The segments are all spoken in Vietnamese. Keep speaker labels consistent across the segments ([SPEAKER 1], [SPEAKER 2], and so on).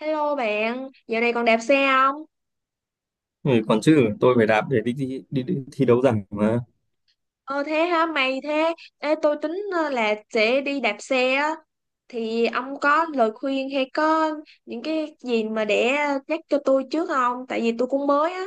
[SPEAKER 1] Hello bạn, dạo này còn đạp xe không?
[SPEAKER 2] Ừ, còn chứ tôi phải đạp để đi thi đấu rằng mà
[SPEAKER 1] Ờ thế hả mày thế? Ê, tôi tính là sẽ đi đạp xe á. Thì ông có lời khuyên hay có những cái gì mà để nhắc cho tôi trước không? Tại vì tôi cũng mới á.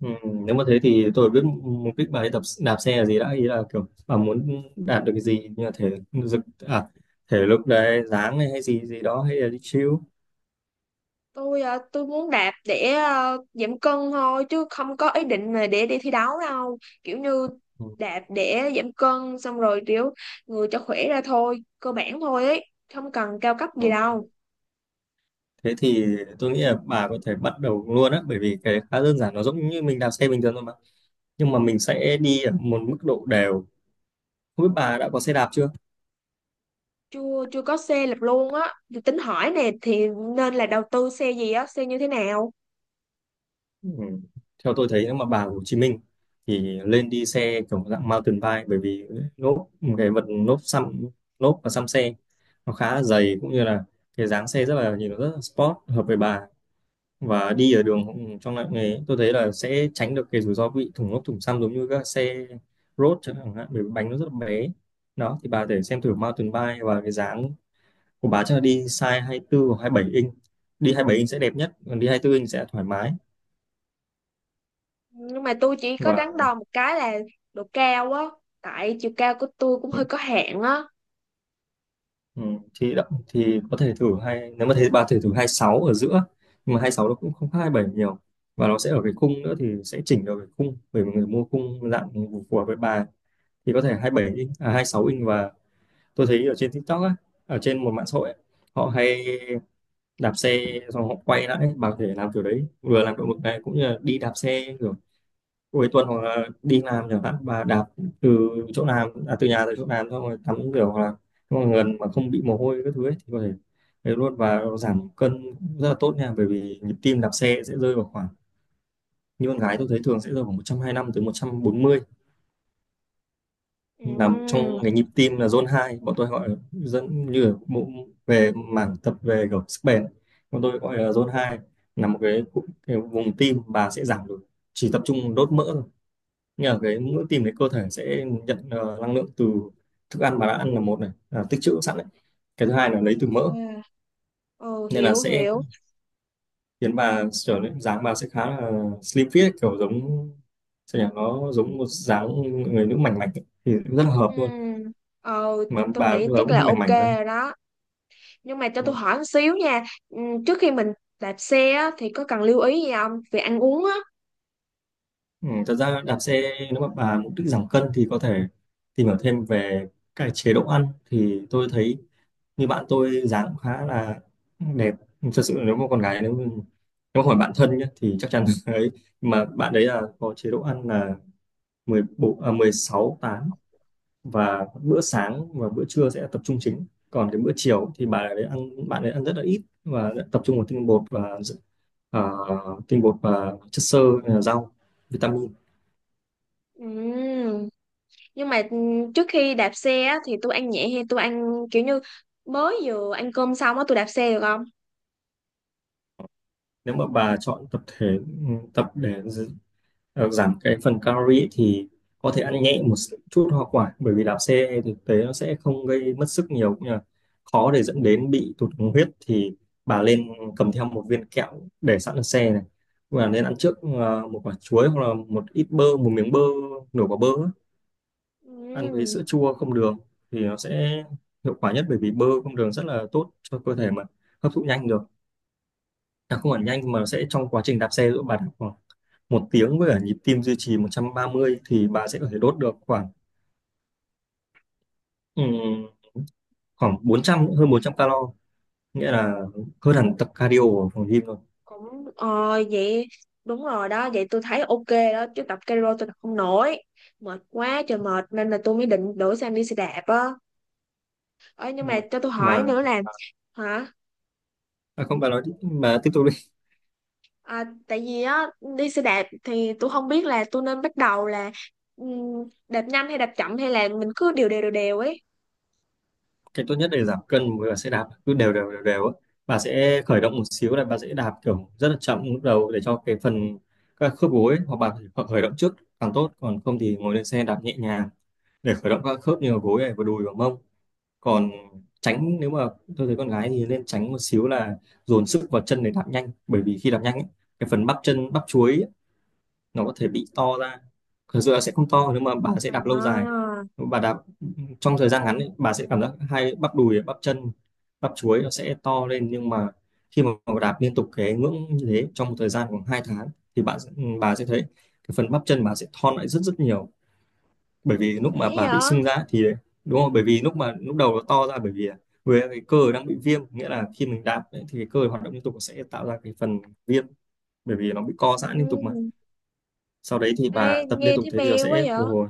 [SPEAKER 2] ừ, nếu mà thế thì tôi biết mục đích bài tập đạp xe là gì đã, ý là kiểu à muốn đạt được cái gì như là thể lực, à, thể lực đấy dáng này hay gì gì đó hay là đi chill.
[SPEAKER 1] Tôi muốn đạp để giảm cân thôi chứ không có ý định là để đi thi đấu đâu. Kiểu như
[SPEAKER 2] ừ.
[SPEAKER 1] đạp để giảm cân xong rồi kiểu người cho khỏe ra thôi, cơ bản thôi ấy, không cần cao cấp gì
[SPEAKER 2] ừ.
[SPEAKER 1] đâu.
[SPEAKER 2] Thế thì tôi nghĩ là bà có thể bắt đầu luôn á, bởi vì cái đấy khá đơn giản, nó giống như mình đạp xe bình thường thôi mà, nhưng mà mình sẽ đi ở một mức độ đều. Không biết bà đã có xe đạp chưa.
[SPEAKER 1] Chưa chưa có xe lập luôn á. Thì tính hỏi nè, thì nên là đầu tư xe gì á, xe như thế nào?
[SPEAKER 2] Ừ. Theo tôi thấy nếu mà bà ở Hồ Chí Minh thì lên đi xe kiểu dạng mountain bike, bởi vì lốp, cái vật lốp xăm lốp và xăm xe nó khá là dày, cũng như là cái dáng xe rất là, nhìn nó rất là sport, hợp với bà. Và đi ở đường trong loại nghề tôi thấy là sẽ tránh được cái rủi ro bị thủng lốp thủng xăm giống như các xe road chẳng hạn, bởi vì bánh nó rất là bé. Đó thì bà để xem thử mountain bike, và cái dáng của bà chắc là đi size hai mươi tư hoặc 27 inch. Đi 27 inch sẽ đẹp nhất, còn đi hai mươi tư inch sẽ thoải mái
[SPEAKER 1] Nhưng mà tôi chỉ có đắn
[SPEAKER 2] và,
[SPEAKER 1] đo một cái là độ cao á, tại chiều cao của tôi cũng hơi có hạn á.
[SPEAKER 2] Ừ, thì đậm thì có thể thử hai, nếu mà thấy bà có thể thử hai sáu ở giữa, nhưng mà hai sáu nó cũng không khác hai bảy nhiều. Và nó sẽ ở cái khung nữa, thì sẽ chỉnh được cái khung, bởi vì người mua khung dạng phù phù hợp với bà, thì có thể hai bảy inch à hai sáu inch. Và tôi thấy ở trên TikTok á, ở trên một mạng xã hội ấy, họ hay đạp xe xong họ quay lại ấy. Bà có thể làm kiểu đấy, vừa làm động lực này, cũng như là đi đạp xe kiểu cuối tuần hoặc là đi làm chẳng hạn, và đạp từ chỗ làm à, từ nhà tới chỗ làm xong rồi tắm rửa, hoặc là mọi người mà không bị mồ hôi các thứ ấy, thì có thể đấy luôn. Và giảm cân cũng rất là tốt nha, bởi vì nhịp tim đạp xe sẽ rơi vào khoảng, như con gái tôi thấy thường sẽ rơi vào 125 tới một trăm bốn mươi, là một trong
[SPEAKER 1] Ừm.
[SPEAKER 2] cái nhịp tim là zone hai, bọn tôi gọi là dẫn như ở bộ về mảng tập về kiểu sức bền, bọn tôi gọi là zone hai, là một cái vùng tim bà sẽ giảm được, chỉ tập trung đốt mỡ. Nhưng mà cái mỗi tìm cái cơ thể sẽ nhận năng lượng từ thức ăn bà đã ăn là một này à, tích trữ sẵn đấy, cái thứ hai là lấy từ mỡ.
[SPEAKER 1] Ok. Ừ,
[SPEAKER 2] Nên là
[SPEAKER 1] hiểu
[SPEAKER 2] sẽ
[SPEAKER 1] hiểu.
[SPEAKER 2] khiến bà trở nên dáng, bà sẽ khá là slim fit, kiểu giống sao nhỉ, nó giống một dáng người nữ mảnh mảnh ấy. Thì rất là hợp luôn,
[SPEAKER 1] Ừm, ờ
[SPEAKER 2] mà
[SPEAKER 1] tôi
[SPEAKER 2] bà
[SPEAKER 1] nghĩ
[SPEAKER 2] bây giờ
[SPEAKER 1] chắc
[SPEAKER 2] cũng
[SPEAKER 1] là
[SPEAKER 2] hơi mảnh
[SPEAKER 1] ok
[SPEAKER 2] mảnh nữa,
[SPEAKER 1] rồi đó, nhưng mà cho
[SPEAKER 2] đúng
[SPEAKER 1] tôi
[SPEAKER 2] không?
[SPEAKER 1] hỏi một xíu nha. Trước khi mình đạp xe á thì có cần lưu ý gì không về ăn uống á?
[SPEAKER 2] Ừ, thật ra đạp xe nếu mà bà mục đích giảm cân thì có thể tìm hiểu thêm về cái chế độ ăn. Thì tôi thấy như bạn tôi dáng cũng khá là đẹp, thật sự, nếu mà con gái nếu mà hỏi bạn thân nhé thì chắc chắn ấy. Mà bạn đấy là có chế độ ăn là 16 tám, và bữa sáng và bữa trưa sẽ tập trung chính, còn cái bữa chiều thì bạn đấy ăn rất là ít và tập trung vào tinh bột và à, tinh bột và chất xơ, rau, vitamin.
[SPEAKER 1] Ừm, nhưng mà trước khi đạp xe á, thì tôi ăn nhẹ hay tôi ăn kiểu như mới vừa ăn cơm xong á tôi đạp xe được không?
[SPEAKER 2] Nếu mà bà chọn tập thể, tập để giảm cái phần calorie thì có thể ăn nhẹ một chút hoa quả, bởi vì đạp xe thực tế nó sẽ không gây mất sức nhiều, cũng như là khó để dẫn đến bị tụt đường huyết. Thì bà lên cầm theo một viên kẹo để sẵn ở xe này, và nên ăn trước một quả chuối, hoặc là một ít bơ, một miếng bơ, nửa quả bơ á, ăn với
[SPEAKER 1] Ừm.
[SPEAKER 2] sữa chua không đường, thì nó sẽ hiệu quả nhất, bởi vì bơ không đường rất là tốt cho cơ thể mà hấp thụ nhanh được. À, không hẳn nhanh, mà nó sẽ trong quá trình đạp xe, giữa bà đạp một tiếng với cả nhịp tim duy trì 130, thì bà sẽ có thể đốt được khoảng ừm, khoảng 400, hơn 400 calo, nghĩa là hơn hẳn tập cardio ở phòng gym rồi.
[SPEAKER 1] Cũng vậy, đúng rồi đó, vậy tôi thấy ok đó chứ tập cardio tôi tập không nổi, mệt quá trời mệt nên là tôi mới định đổi sang đi xe đạp á. Ờ, nhưng
[SPEAKER 2] Đúng
[SPEAKER 1] mà
[SPEAKER 2] rồi.
[SPEAKER 1] cho tôi hỏi
[SPEAKER 2] Mà,
[SPEAKER 1] nữa là hả,
[SPEAKER 2] à không bà nói đi, bà tiếp tục đi.
[SPEAKER 1] tại vì á đi xe đạp thì tôi không biết là tôi nên bắt đầu là đạp nhanh hay đạp chậm hay là mình cứ đều đều đều đều ấy.
[SPEAKER 2] Cái tốt nhất để giảm cân với cả sẽ đạp cứ đều đều á. Bà sẽ khởi động một xíu, là bà sẽ đạp kiểu rất là chậm lúc đầu, để cho cái phần các khớp gối, hoặc bà phải khởi khởi động trước càng tốt, còn không thì ngồi lên xe đạp nhẹ nhàng để khởi động các khớp như là gối này, và đùi và mông. Còn tránh, nếu mà, tôi thấy con gái thì nên tránh một xíu là dồn sức vào chân để đạp nhanh, bởi vì khi đạp nhanh ấy, cái phần bắp chân bắp chuối ấy, nó có thể bị to ra. Thực sự là sẽ không to, nhưng mà bà sẽ đạp lâu dài,
[SPEAKER 1] À,
[SPEAKER 2] bà đạp trong thời gian ngắn ấy, bà sẽ cảm giác hai bắp đùi bắp chân bắp chuối nó sẽ to lên. Nhưng mà khi mà bà đạp liên tục cái ngưỡng như thế trong một thời gian khoảng 2 tháng, thì bà sẽ thấy cái phần bắp chân bà sẽ thon lại rất rất nhiều, bởi vì lúc
[SPEAKER 1] để
[SPEAKER 2] mà bà bị
[SPEAKER 1] vậy.
[SPEAKER 2] sưng ra thì, đúng không, bởi vì lúc đầu nó to ra bởi vì với cái cơ đang bị viêm, nghĩa là khi mình đạp ấy, thì cái cơ hoạt động liên tục sẽ tạo ra cái phần viêm, bởi vì nó bị co giãn liên tục mà.
[SPEAKER 1] Ừ.
[SPEAKER 2] Sau đấy thì
[SPEAKER 1] Ê,
[SPEAKER 2] bà tập liên
[SPEAKER 1] nghe
[SPEAKER 2] tục
[SPEAKER 1] thấy
[SPEAKER 2] thế, thì nó
[SPEAKER 1] mê quá
[SPEAKER 2] sẽ
[SPEAKER 1] vậy.
[SPEAKER 2] phục hồi,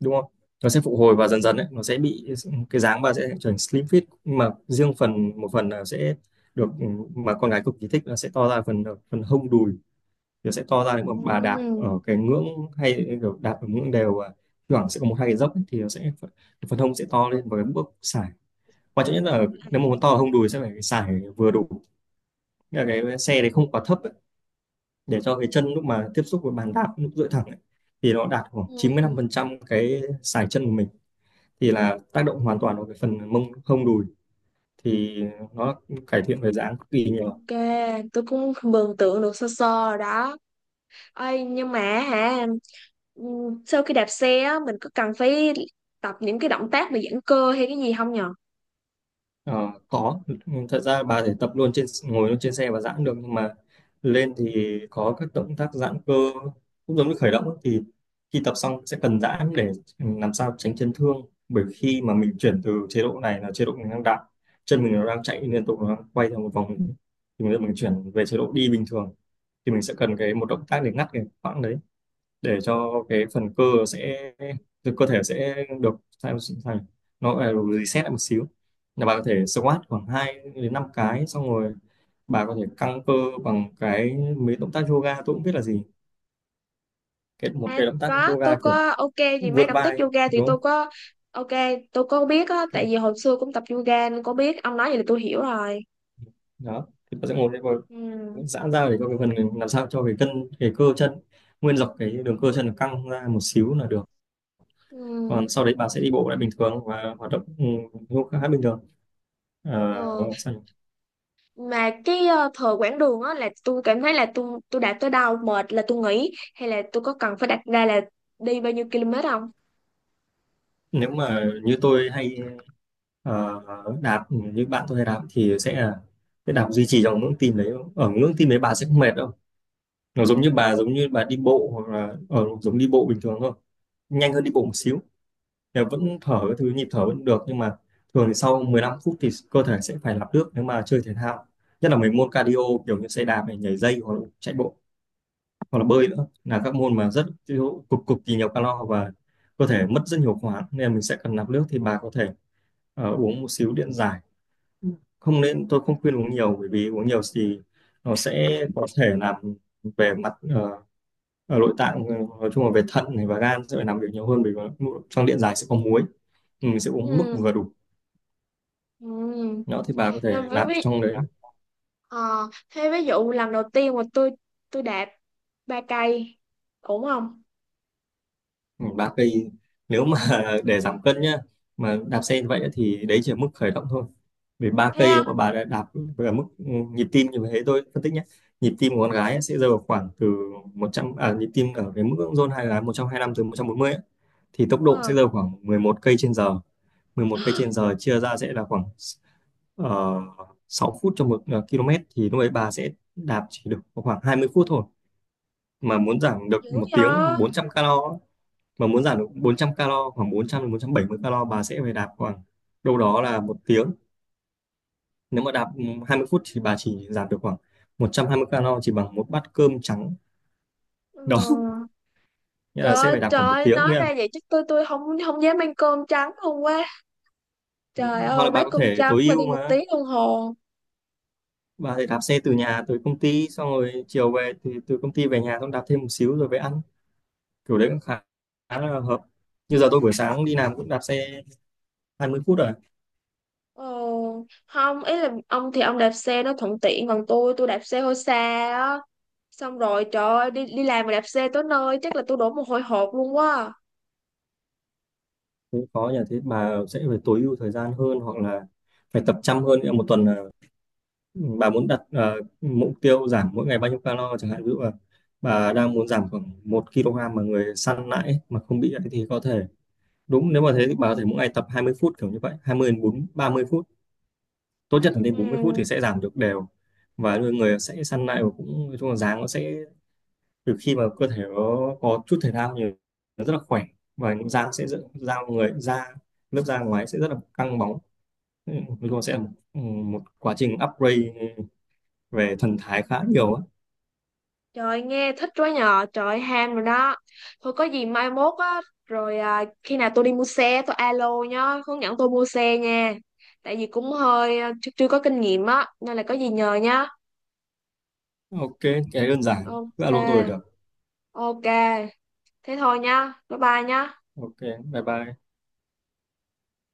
[SPEAKER 2] đúng không, nó sẽ phục hồi, và dần dần ấy, nó sẽ bị cái dáng bà sẽ trở thành slim fit. Nhưng mà riêng phần, một phần là sẽ được, ừ, mà con gái cực kỳ thích, là sẽ to ra phần, phần hông đùi, nó sẽ to ra nếu mà bà đạp
[SPEAKER 1] Ừ.
[SPEAKER 2] ở cái ngưỡng hay kiểu đạp ở ngưỡng đều, và thi thoảng sẽ có một hai cái dốc ấy, thì nó sẽ phần, phần hông sẽ to lên, và cái bước sải quan trọng nhất là,
[SPEAKER 1] À.
[SPEAKER 2] nếu mà muốn to ở hông đùi sẽ phải sải vừa đủ. Nghĩa là cái xe đấy không quá thấp ấy, để cho cái chân lúc mà tiếp xúc với bàn đạp lúc duỗi thẳng ấy, thì nó đạt khoảng
[SPEAKER 1] Ừ.
[SPEAKER 2] 95% cái sải chân của mình, thì là tác động hoàn toàn vào cái phần mông hông đùi, thì nó cải thiện về dáng cực kỳ nhiều.
[SPEAKER 1] Ok, tôi cũng mường tượng được sơ sơ rồi đó. Ê, nhưng mà hả, ừ, sau khi đạp xe á, mình có cần phải tập những cái động tác mà giãn cơ hay cái gì không nhờ?
[SPEAKER 2] Ờ, có, thật ra bà thể tập luôn trên, ngồi luôn trên xe và giãn được, nhưng mà lên thì có các động tác giãn cơ, cũng giống như khởi động ấy, thì khi tập xong sẽ cần giãn để làm sao tránh chấn thương. Bởi khi mà mình chuyển từ chế độ này là chế độ mình đang đạp, chân mình nó đang chạy liên tục, nó đang quay theo một vòng, thì bây giờ mình chuyển về chế độ đi bình thường, thì mình sẽ cần cái một động tác để ngắt cái khoảng đấy, để cho cái phần cơ sẽ từ cơ thể sẽ được sao thành, nó phải được reset lại một xíu. Là bà có thể squat khoảng 2 đến 5 cái xong rồi bà có thể căng cơ bằng cái mấy động tác yoga, tôi cũng biết là gì, cái một
[SPEAKER 1] À,
[SPEAKER 2] cái động tác
[SPEAKER 1] có, tôi
[SPEAKER 2] yoga kiểu
[SPEAKER 1] có ok gì mấy
[SPEAKER 2] vươn
[SPEAKER 1] động tác
[SPEAKER 2] vai
[SPEAKER 1] yoga thì
[SPEAKER 2] đúng
[SPEAKER 1] tôi
[SPEAKER 2] không,
[SPEAKER 1] có. Ok, tôi có biết á, tại
[SPEAKER 2] kiểu
[SPEAKER 1] vì hồi xưa cũng tập yoga nên có biết, ông nói vậy là tôi hiểu rồi.
[SPEAKER 2] đó, thì bà sẽ ngồi lên và
[SPEAKER 1] Ừ.
[SPEAKER 2] giãn ra để cho cái phần, làm sao cho cái cân, cái cơ chân, nguyên dọc cái đường cơ chân căng ra một xíu là được.
[SPEAKER 1] Ừ.
[SPEAKER 2] Còn sau đấy bà sẽ đi bộ lại bình thường và hoạt động khá bình thường. Ờ,
[SPEAKER 1] Ờ. Mà cái thời quãng đường á là tôi cảm thấy là tôi đã tới đâu mệt là tôi nghỉ hay là tôi có cần phải đặt ra là đi bao nhiêu km không?
[SPEAKER 2] nếu mà như tôi hay ờ, đạp, như bạn tôi hay đạp, thì sẽ là cái đạp duy trì trong ngưỡng tim đấy, ở ngưỡng tim đấy bà sẽ không mệt đâu, nó giống như bà, giống như bà đi bộ hoặc là ở giống đi bộ bình thường thôi, nhanh hơn đi bộ một xíu, thì vẫn thở, cái thứ nhịp thở vẫn được. Nhưng mà thường thì sau 15 phút thì cơ thể sẽ phải lọc nước nếu mà chơi thể thao, nhất là mấy môn cardio, kiểu như xe đạp này, nhảy dây, hoặc là chạy bộ, hoặc là bơi nữa, là các môn mà cực cực kỳ nhiều calo. Và cơ thể mất rất nhiều khoáng nên mình sẽ cần nạp nước, thì bà có thể uống một xíu điện giải. Không nên, tôi không khuyên uống nhiều, bởi vì uống nhiều thì nó sẽ có thể làm về mặt ở nội tạng, nói chung là về thận này và gan sẽ phải làm việc nhiều hơn, bởi vì trong điện giải sẽ có muối. Mình sẽ uống mức
[SPEAKER 1] Ừ.
[SPEAKER 2] vừa đủ.
[SPEAKER 1] Ừ.
[SPEAKER 2] Đó thì bà có
[SPEAKER 1] Thế
[SPEAKER 2] thể
[SPEAKER 1] ví,
[SPEAKER 2] nạp
[SPEAKER 1] ví,
[SPEAKER 2] trong đấy.
[SPEAKER 1] ờ, thế ví dụ lần đầu tiên mà tôi đạp 3 cây ổn không?
[SPEAKER 2] Ừ, 3 cây, nếu mà để giảm cân nhá, mà đạp xe như vậy á, thì đấy chỉ là mức khởi động thôi. Vì ba
[SPEAKER 1] Thế á?
[SPEAKER 2] cây mà bà đã đạp về mức nhịp tim như thế, tôi phân tích nhé. Nhịp tim của con gái á, sẽ rơi vào khoảng từ 100, à, nhịp tim ở cái mức zone hai là 125, từ 140 á, thì tốc độ sẽ
[SPEAKER 1] Ờ.
[SPEAKER 2] rơi vào khoảng 11 cây trên giờ. 11 cây trên giờ chia ra sẽ là khoảng 6 phút cho một km. Thì lúc ấy bà sẽ đạp chỉ được khoảng 20 phút thôi, mà muốn giảm
[SPEAKER 1] Dữ
[SPEAKER 2] được một
[SPEAKER 1] vậy?
[SPEAKER 2] tiếng 400 calo á, mà muốn giảm được 400 calo, khoảng 400 đến 470 calo, bà sẽ phải đạp khoảng đâu đó là một tiếng. Nếu mà đạp 20 phút thì bà chỉ giảm được khoảng 120 calo, chỉ bằng một bát cơm trắng.
[SPEAKER 1] Ờ.
[SPEAKER 2] Đó, nghĩa
[SPEAKER 1] Trời
[SPEAKER 2] là sẽ
[SPEAKER 1] ơi
[SPEAKER 2] phải đạp
[SPEAKER 1] trời
[SPEAKER 2] khoảng một
[SPEAKER 1] ơi,
[SPEAKER 2] tiếng,
[SPEAKER 1] nói ra vậy chứ tôi không không dám ăn cơm trắng luôn quá.
[SPEAKER 2] ừ,
[SPEAKER 1] Trời
[SPEAKER 2] hoặc
[SPEAKER 1] ơi,
[SPEAKER 2] là bà
[SPEAKER 1] bát
[SPEAKER 2] có
[SPEAKER 1] cơm
[SPEAKER 2] thể
[SPEAKER 1] trắng
[SPEAKER 2] tối
[SPEAKER 1] mà
[SPEAKER 2] ưu
[SPEAKER 1] đi một
[SPEAKER 2] mà
[SPEAKER 1] tiếng đồng hồ
[SPEAKER 2] bà thể đạp xe từ nhà tới công ty, xong rồi chiều về thì từ công ty về nhà xong đạp thêm một xíu rồi về ăn, kiểu đấy cũng khá là hợp. Như giờ tôi buổi sáng đi làm cũng đạp xe 20 phút rồi,
[SPEAKER 1] Ờ, không, ý là ông thì ông đạp xe nó thuận tiện còn tôi đạp xe hơi xa á, xong rồi trời ơi đi đi làm mà đạp xe tới nơi chắc là tôi đổ mồ hôi hột luôn quá.
[SPEAKER 2] cũng có nhà. Thế bà sẽ phải tối ưu thời gian hơn hoặc là phải tập chăm hơn, nghĩa là một tuần là bà muốn đặt mục tiêu giảm mỗi ngày bao nhiêu calo chẳng hạn, ví dụ là bà đang muốn giảm khoảng 1 kg mà người săn lại ấy, mà không bị ấy, thì có thể đúng. Nếu mà thế thì bà có thể mỗi ngày tập 20 phút, kiểu như vậy, 20 đến 30 phút, tốt nhất là đến 40 phút
[SPEAKER 1] Ừ.
[SPEAKER 2] thì sẽ giảm được đều. Và người người sẽ săn lại, và cũng nói chung là dáng nó sẽ từ khi mà cơ thể nó có chút thể thao nhiều, nó rất là khỏe. Và dáng sẽ da người da lớp da ngoài sẽ rất là căng bóng. Ừ, nói chung là sẽ là một quá trình upgrade về thần thái khá nhiều á.
[SPEAKER 1] Trời nghe thích quá nhờ, trời ham rồi đó. Thôi có gì mai mốt á, rồi à, khi nào tôi đi mua xe tôi alo nhá, hướng dẫn tôi mua xe nha. Tại vì cũng hơi chưa có kinh nghiệm á nên là có gì nhờ nhá.
[SPEAKER 2] Ok, cái đơn giản, cứ
[SPEAKER 1] Ok.
[SPEAKER 2] alo tôi là được.
[SPEAKER 1] Ok. Thế thôi nhá, bye bye nhá.
[SPEAKER 2] Ok, bye bye.